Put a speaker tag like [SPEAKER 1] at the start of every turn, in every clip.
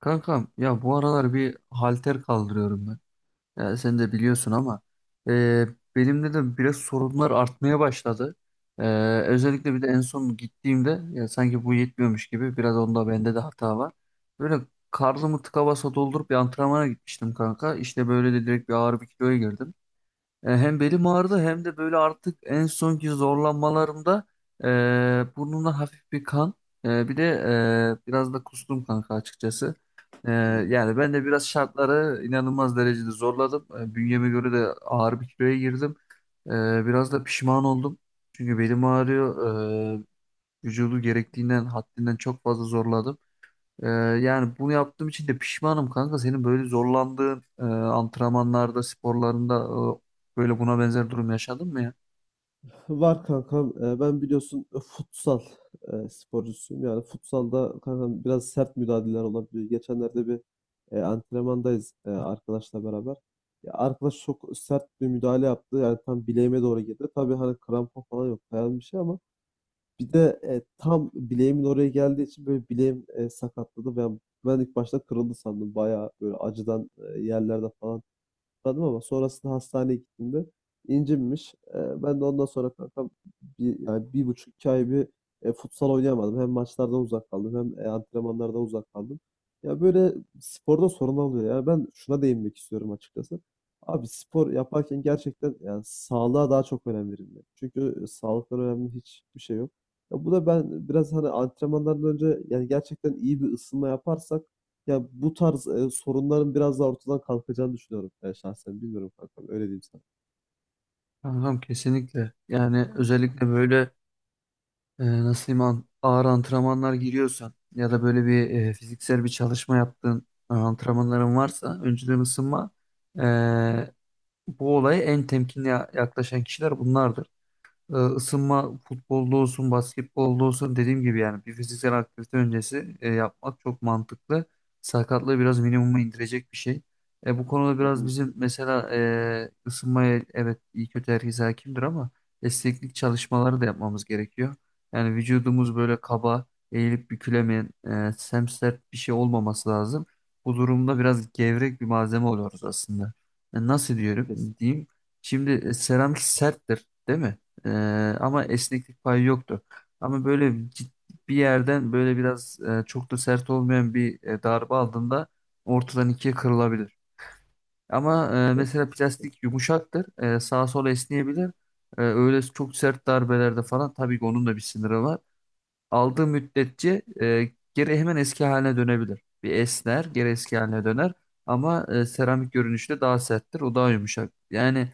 [SPEAKER 1] Kankam ya bu aralar bir halter kaldırıyorum ben. Ya sen de biliyorsun ama e, benimde de biraz sorunlar artmaya başladı. E, özellikle bir de en son gittiğimde ya sanki bu yetmiyormuş gibi biraz onda bende de hata var. Böyle karnımı tıka basa doldurup bir antrenmana gitmiştim kanka. İşte böyle de direkt bir ağır bir kiloya girdim. Hem belim ağrıdı hem de böyle artık en sonki zorlanmalarımda burnumda hafif bir kan. Bir de biraz da kustum kanka açıkçası. E,
[SPEAKER 2] Hmm.
[SPEAKER 1] yani ben de biraz şartları inanılmaz derecede zorladım. Bünyeme göre de ağır bir kiloya girdim. Biraz da pişman oldum. Çünkü belim ağrıyor. Vücudu gerektiğinden haddinden çok fazla zorladım. Ee, yani bunu yaptığım için de pişmanım kanka. Senin böyle zorlandığın antrenmanlarda, sporlarında böyle buna benzer durum yaşadın mı ya?
[SPEAKER 2] Var kankam. Ben biliyorsun futsal sporcusuyum. Yani futsalda kankam biraz sert müdahaleler olabiliyor. Geçenlerde bir antrenmandayız, arkadaşla beraber. Ya arkadaş çok sert bir müdahale yaptı. Yani tam bileğime doğru girdi. Tabii hani krampon falan yok. Dayan bir şey ama bir de tam bileğimin oraya geldiği için böyle bileğim sakatladı. Ben ilk başta kırıldı sandım. Bayağı böyle acıdan yerlerde falan anladım, ama sonrasında hastaneye gittiğimde incinmiş. Ben de ondan sonra kankam yani bir buçuk iki ay bir futsal oynayamadım. Hem maçlardan uzak kaldım hem antrenmanlardan uzak kaldım. Ya böyle sporda sorun oluyor. Yani ben şuna değinmek istiyorum açıkçası. Abi spor yaparken gerçekten yani sağlığa daha çok önem verilmeli. Çünkü sağlıktan önemli hiçbir şey yok. Ya bu da ben biraz hani antrenmanlardan önce yani gerçekten iyi bir ısınma yaparsak ya bu tarz sorunların biraz daha ortadan kalkacağını düşünüyorum ben şahsen. Bilmiyorum kankam. Öyle diyeyim sana.
[SPEAKER 1] Kankam, kesinlikle. Yani özellikle böyle nasıl diyeyim, ağır antrenmanlar giriyorsan ya da böyle bir fiziksel bir çalışma yaptığın antrenmanların varsa, önceden ısınma e, bu olaya en temkinli yaklaşan kişiler bunlardır. E, ısınma futbolda olsun, basketbolda olsun, dediğim gibi yani bir fiziksel aktivite öncesi yapmak çok mantıklı. Sakatlığı biraz minimuma indirecek bir şey. Bu konuda
[SPEAKER 2] Hı
[SPEAKER 1] biraz
[SPEAKER 2] hı.
[SPEAKER 1] bizim mesela ısınmaya evet iyi kötü herkes hakimdir ama esneklik çalışmaları da yapmamız gerekiyor. Yani vücudumuz böyle kaba, eğilip bükülemeyen, semsert bir şey olmaması lazım. Bu durumda biraz gevrek bir malzeme oluyoruz aslında. Nasıl diyorum
[SPEAKER 2] Kes.
[SPEAKER 1] diyeyim. Şimdi seramik serttir, değil mi? Ee,
[SPEAKER 2] Hı
[SPEAKER 1] ama
[SPEAKER 2] hı.
[SPEAKER 1] esneklik payı yoktu. Ama böyle bir yerden böyle biraz çok da sert olmayan bir darbe aldığında ortadan ikiye kırılabilir. Ama
[SPEAKER 2] Ya
[SPEAKER 1] mesela
[SPEAKER 2] kes.
[SPEAKER 1] plastik yumuşaktır. Sağa sola esneyebilir. Öyle çok sert darbelerde falan tabii ki onun da bir sınırı var. Aldığı müddetçe geri hemen eski haline dönebilir. Bir esner, geri eski haline döner. Ama seramik görünüşte daha serttir. O daha yumuşak. Yani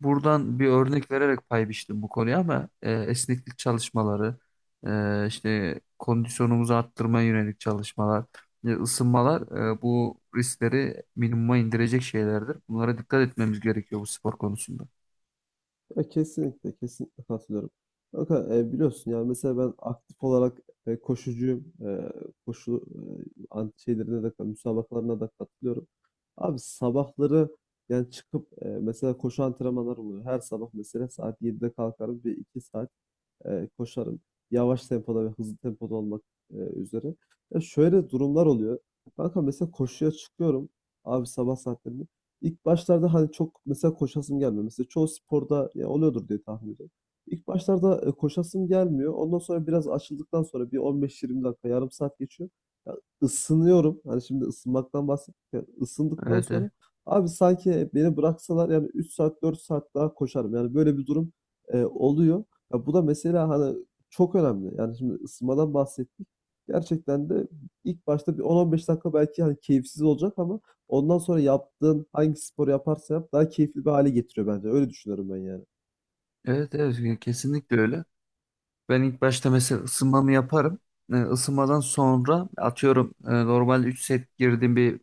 [SPEAKER 1] buradan bir örnek vererek pay biçtim bu konuya ama esneklik çalışmaları, işte kondisyonumuzu arttırmaya yönelik çalışmalar, ısınmalar,
[SPEAKER 2] Hı hı.
[SPEAKER 1] bu riskleri minimuma indirecek şeylerdir. Bunlara dikkat etmemiz gerekiyor bu spor konusunda.
[SPEAKER 2] Ya kesinlikle, kesinlikle katılıyorum. Fakat biliyorsun yani mesela ben aktif olarak koşucuyum. Koşu şeylerine de, müsabakalarına da katılıyorum. Abi sabahları yani çıkıp mesela koşu antrenmanları oluyor. Her sabah mesela saat 7'de kalkarım ve 2 saat koşarım. Yavaş tempoda ve hızlı tempoda olmak üzere. Ya şöyle durumlar oluyor. Kanka mesela koşuya çıkıyorum abi sabah saatlerinde. İlk başlarda hani çok mesela koşasım gelmiyor. Mesela çoğu sporda ya oluyordur diye tahmin ediyorum. İlk başlarda koşasım gelmiyor. Ondan sonra biraz açıldıktan sonra bir 15-20 dakika, yarım saat geçiyor. Ya ısınıyorum. Hani şimdi ısınmaktan bahsettik ya. Isındıktan
[SPEAKER 1] Evet, evet,
[SPEAKER 2] sonra abi sanki beni bıraksalar yani 3 saat 4 saat daha koşarım. Yani böyle bir durum oluyor. Ya bu da mesela hani çok önemli. Yani şimdi ısınmadan bahsettik. Gerçekten de ilk başta bir 10-15 dakika belki hani keyifsiz olacak ama ondan sonra yaptığın hangi sporu yaparsa yap daha keyifli bir hale getiriyor bence. Öyle düşünüyorum ben yani.
[SPEAKER 1] evet, evet, kesinlikle öyle. Ben ilk başta mesela ısınmamı yaparım. E, ısınmadan sonra atıyorum normal 3 set girdiğim bir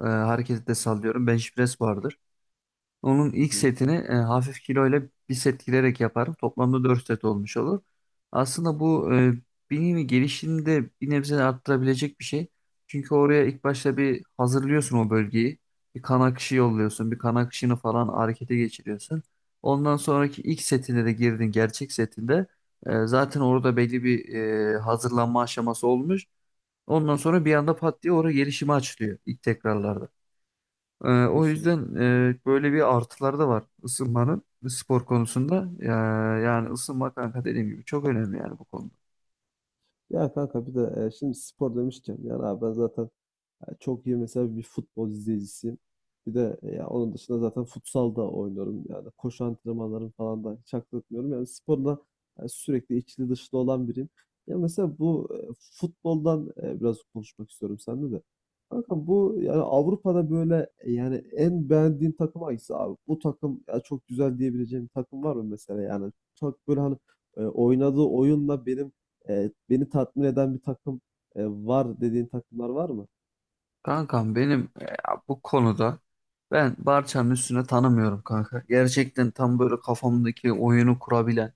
[SPEAKER 1] hareketi de sallıyorum. Bench press vardır. Onun
[SPEAKER 2] Hı
[SPEAKER 1] ilk
[SPEAKER 2] hı,
[SPEAKER 1] setini hafif kiloyla bir set girerek yaparım. Toplamda 4 set olmuş olur. Aslında bu beynini gelişimini de bir nebze arttırabilecek bir şey. Çünkü oraya ilk başta bir hazırlıyorsun o bölgeyi. Bir kan akışı yolluyorsun. Bir kan akışını falan harekete geçiriyorsun. Ondan sonraki ilk setinde de girdin gerçek setinde. Zaten orada belli bir hazırlanma aşaması olmuş. Ondan sonra bir anda pat diye oraya gelişimi açılıyor ilk tekrarlarda. O
[SPEAKER 2] kesinlikle.
[SPEAKER 1] yüzden böyle bir artıları da var ısınmanın spor konusunda. Ya, yani ısınma kanka dediğim gibi çok önemli yani bu konuda.
[SPEAKER 2] Ya kanka bir de şimdi spor demişken yani abi ben zaten yani çok iyi mesela bir futbol izleyicisiyim. Bir de ya onun dışında zaten futsal da oynuyorum. Yani koşu antrenmanlarım falan da hiç aklatmıyorum. Yani sporla yani sürekli içli dışlı olan biriyim. Ya mesela bu futboldan biraz konuşmak istiyorum seninle de. Kanka bu yani Avrupa'da böyle yani en beğendiğin takım hangisi abi? Bu takım ya çok güzel diyebileceğim bir takım var mı mesela yani? Çok böyle hani oynadığı oyunla benim beni tatmin eden bir takım var dediğin takımlar var mı?
[SPEAKER 1] Kankam, benim bu konuda ben Barça'nın üstüne tanımıyorum kanka. Gerçekten tam böyle kafamdaki oyunu kurabilen,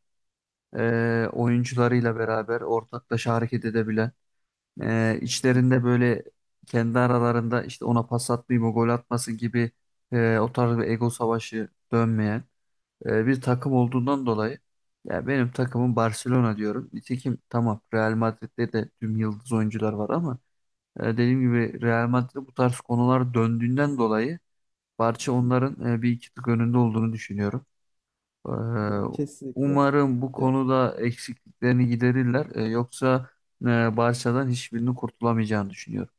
[SPEAKER 1] oyuncularıyla beraber ortaklaşa hareket edebilen, içlerinde böyle kendi aralarında işte ona pas atmayayım o gol atmasın gibi o tarz bir ego savaşı dönmeyen bir takım
[SPEAKER 2] Hı.
[SPEAKER 1] olduğundan dolayı ya benim takımım Barcelona diyorum. Nitekim tamam, Real Madrid'de de tüm yıldız oyuncular var ama dediğim gibi Real Madrid'de bu tarz konular döndüğünden dolayı Barça
[SPEAKER 2] Hı.
[SPEAKER 1] onların bir iki tık önünde olduğunu düşünüyorum. E,
[SPEAKER 2] Ya kesinlikle.
[SPEAKER 1] umarım bu
[SPEAKER 2] Ya
[SPEAKER 1] konuda eksikliklerini giderirler. Yoksa e, Barça'dan hiçbirini kurtulamayacağını düşünüyorum.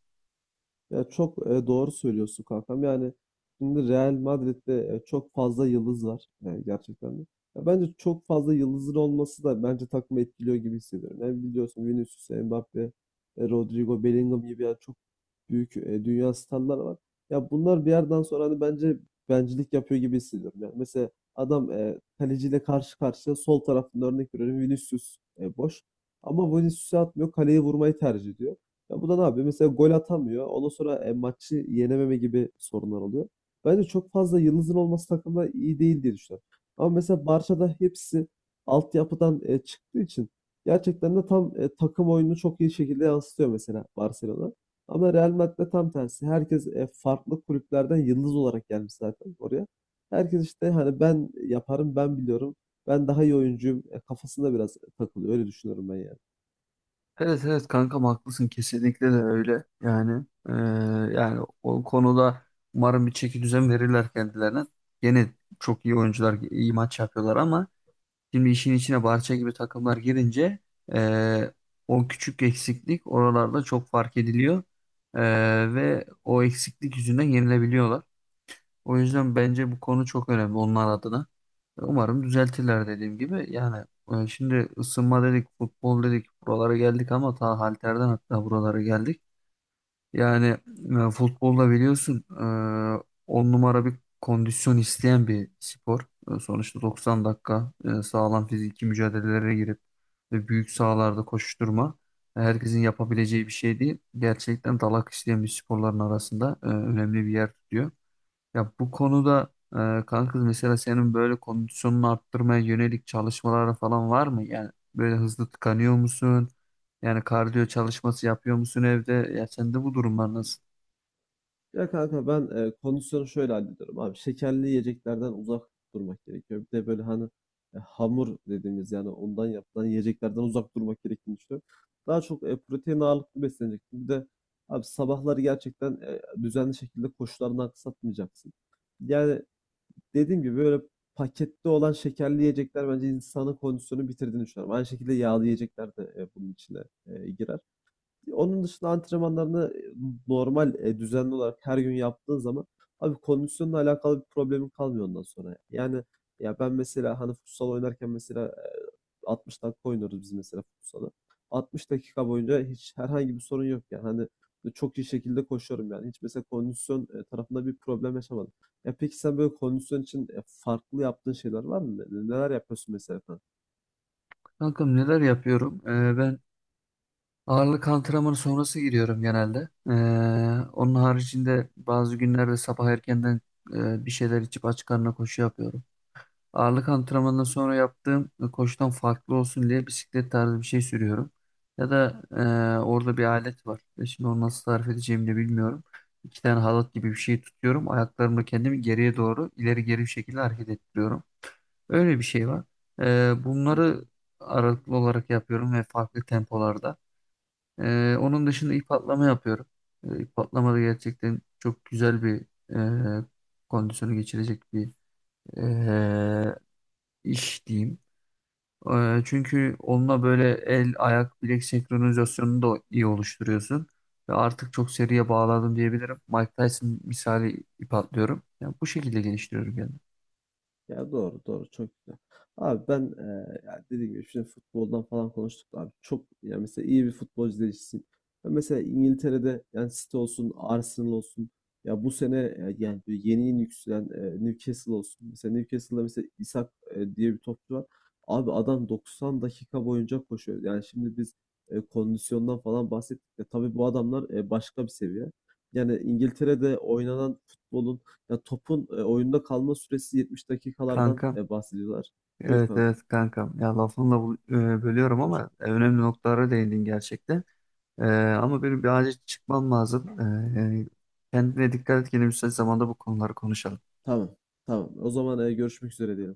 [SPEAKER 2] ya çok doğru söylüyorsun kankam. Yani şimdi Real Madrid'de çok fazla yıldız var. Yani gerçekten de. Ya bence çok fazla yıldızın olması da bence takımı etkiliyor gibi hissediyorum. Yani biliyorsun Vinicius, Mbappe, Rodrigo, Bellingham gibi yani çok büyük dünya starları var. Ya bunlar bir yerden sonra hani bence bencilik yapıyor gibi hissediyorum. Yani mesela adam kaleciyle karşı karşıya sol tarafında örnek veriyorum Vinicius boş. Ama Vinicius'u atmıyor, kaleye vurmayı tercih ediyor. Ya bu da ne yapıyor? Mesela gol atamıyor. Ondan sonra maçı yenememe gibi sorunlar oluyor. Bence çok fazla yıldızın olması takımda iyi değil diye düşünüyorum. Ama mesela Barça'da hepsi altyapıdan çıktığı için gerçekten de tam takım oyununu çok iyi şekilde yansıtıyor mesela Barcelona. Ama Real Madrid'de tam tersi. Herkes farklı kulüplerden yıldız olarak gelmiş zaten oraya. Herkes işte hani ben yaparım, ben biliyorum, ben daha iyi oyuncuyum kafasında biraz takılıyor. Öyle düşünüyorum ben yani.
[SPEAKER 1] Evet evet kankam, haklısın, kesinlikle de öyle yani. Yani o konuda umarım bir çeki düzen verirler kendilerine. Gene çok iyi oyuncular, iyi maç yapıyorlar ama şimdi işin içine Barça gibi takımlar girince eee, o küçük eksiklik oralarda çok fark ediliyor. Ve o eksiklik yüzünden yenilebiliyorlar. O yüzden bence bu konu çok önemli onlar adına. Umarım düzeltirler dediğim gibi. Yani şimdi ısınma dedik, futbol dedik, buralara geldik ama ta halterden hatta buralara geldik. Yani futbolda biliyorsun on numara bir kondisyon isteyen bir spor. Sonuçta 90 dakika sağlam fiziki mücadelelere girip ve büyük sahalarda koşuşturma herkesin yapabileceği bir şey değil. Gerçekten dalak isteyen bir sporların arasında önemli bir yer tutuyor. Ya bu konuda kanka mesela senin böyle kondisyonunu arttırmaya yönelik çalışmalar falan var mı? Yani böyle hızlı tıkanıyor musun? Yani kardiyo çalışması yapıyor musun evde? Ya sende bu
[SPEAKER 2] Hı
[SPEAKER 1] durumlar
[SPEAKER 2] hı.
[SPEAKER 1] nasıl?
[SPEAKER 2] Ya kanka ben kondisyonu şöyle hallediyorum abi. Şekerli yiyeceklerden uzak durmak gerekiyor. Bir de böyle hani hamur dediğimiz yani ondan yapılan yiyeceklerden uzak durmak gerektiğini düşünüyorum. Daha çok protein ağırlıklı besleneceksin. Bir de abi sabahları gerçekten düzenli şekilde koşularından kısaltmayacaksın. Yani dediğim gibi böyle pakette olan şekerli yiyecekler bence insanın kondisyonunu bitirdiğini düşünüyorum. Aynı şekilde yağlı yiyecekler de bunun içine girer. Onun dışında antrenmanlarını normal, düzenli olarak her gün yaptığın zaman abi kondisyonla alakalı bir problemin kalmıyor ondan sonra. Yani ya ben mesela hani futsal oynarken mesela 60 dakika oynuyoruz biz mesela futsalı. 60 dakika boyunca hiç herhangi bir sorun yok yani. Hani çok iyi şekilde koşuyorum yani. Hiç mesela kondisyon tarafında bir problem yaşamadım. Ya peki sen böyle kondisyon için farklı yaptığın şeyler var mı? Neler yapıyorsun mesela sen?
[SPEAKER 1] Kankam, neler yapıyorum? Ben ağırlık antrenmanı sonrası giriyorum genelde. Onun haricinde bazı günlerde sabah erkenden bir şeyler içip aç karnına koşu yapıyorum. Ağırlık antrenmanından sonra yaptığım koşudan farklı olsun diye bisiklet tarzı bir şey sürüyorum. Ya da orada bir alet var. Şimdi onu nasıl tarif edeceğimi de bilmiyorum. İki tane halat gibi bir şey tutuyorum. Ayaklarımla kendimi geriye doğru ileri geri bir şekilde hareket ettiriyorum. Öyle bir şey var. E,
[SPEAKER 2] Hı
[SPEAKER 1] bunları
[SPEAKER 2] hı.
[SPEAKER 1] aralıklı olarak yapıyorum ve farklı tempolarda. Onun dışında ip atlama yapıyorum. E, ip atlama da gerçekten çok güzel bir e, kondisyonu geçirecek bir e, iş diyeyim. Çünkü onunla böyle el, ayak, bilek senkronizasyonunu da iyi oluşturuyorsun. Ve artık çok seriye bağladım diyebilirim. Mike Tyson misali ip atlıyorum. Yani bu şekilde geliştiriyorum kendimi.
[SPEAKER 2] Ya doğru doğru çok güzel. Abi ben ya dediğim gibi şimdi futboldan falan konuştuk abi. Çok ya mesela iyi bir futbolcu değişsin. Ben mesela İngiltere'de yani City olsun, Arsenal olsun. Ya bu sene yani böyle yeni yeni yükselen Newcastle olsun. Mesela Newcastle'da mesela Isak diye bir topçu var. Abi adam 90 dakika boyunca koşuyor. Yani şimdi biz kondisyondan falan bahsettik de tabii bu adamlar başka bir seviye. Yani İngiltere'de oynanan futbolun ya topun oyunda kalma süresi 70 dakikalardan
[SPEAKER 1] Kankam,
[SPEAKER 2] bahsediyorlar. Buyur
[SPEAKER 1] evet
[SPEAKER 2] kanka.
[SPEAKER 1] evet kankam. Ya lafınla bölüyorum
[SPEAKER 2] Buyur.
[SPEAKER 1] ama önemli noktalara değindin gerçekten. E, ama benim bir acil çıkmam lazım. Yani kendine dikkat et. Yine müsait zamanda bu konuları konuşalım.
[SPEAKER 2] Tamam. Tamam. O zaman görüşmek üzere diyelim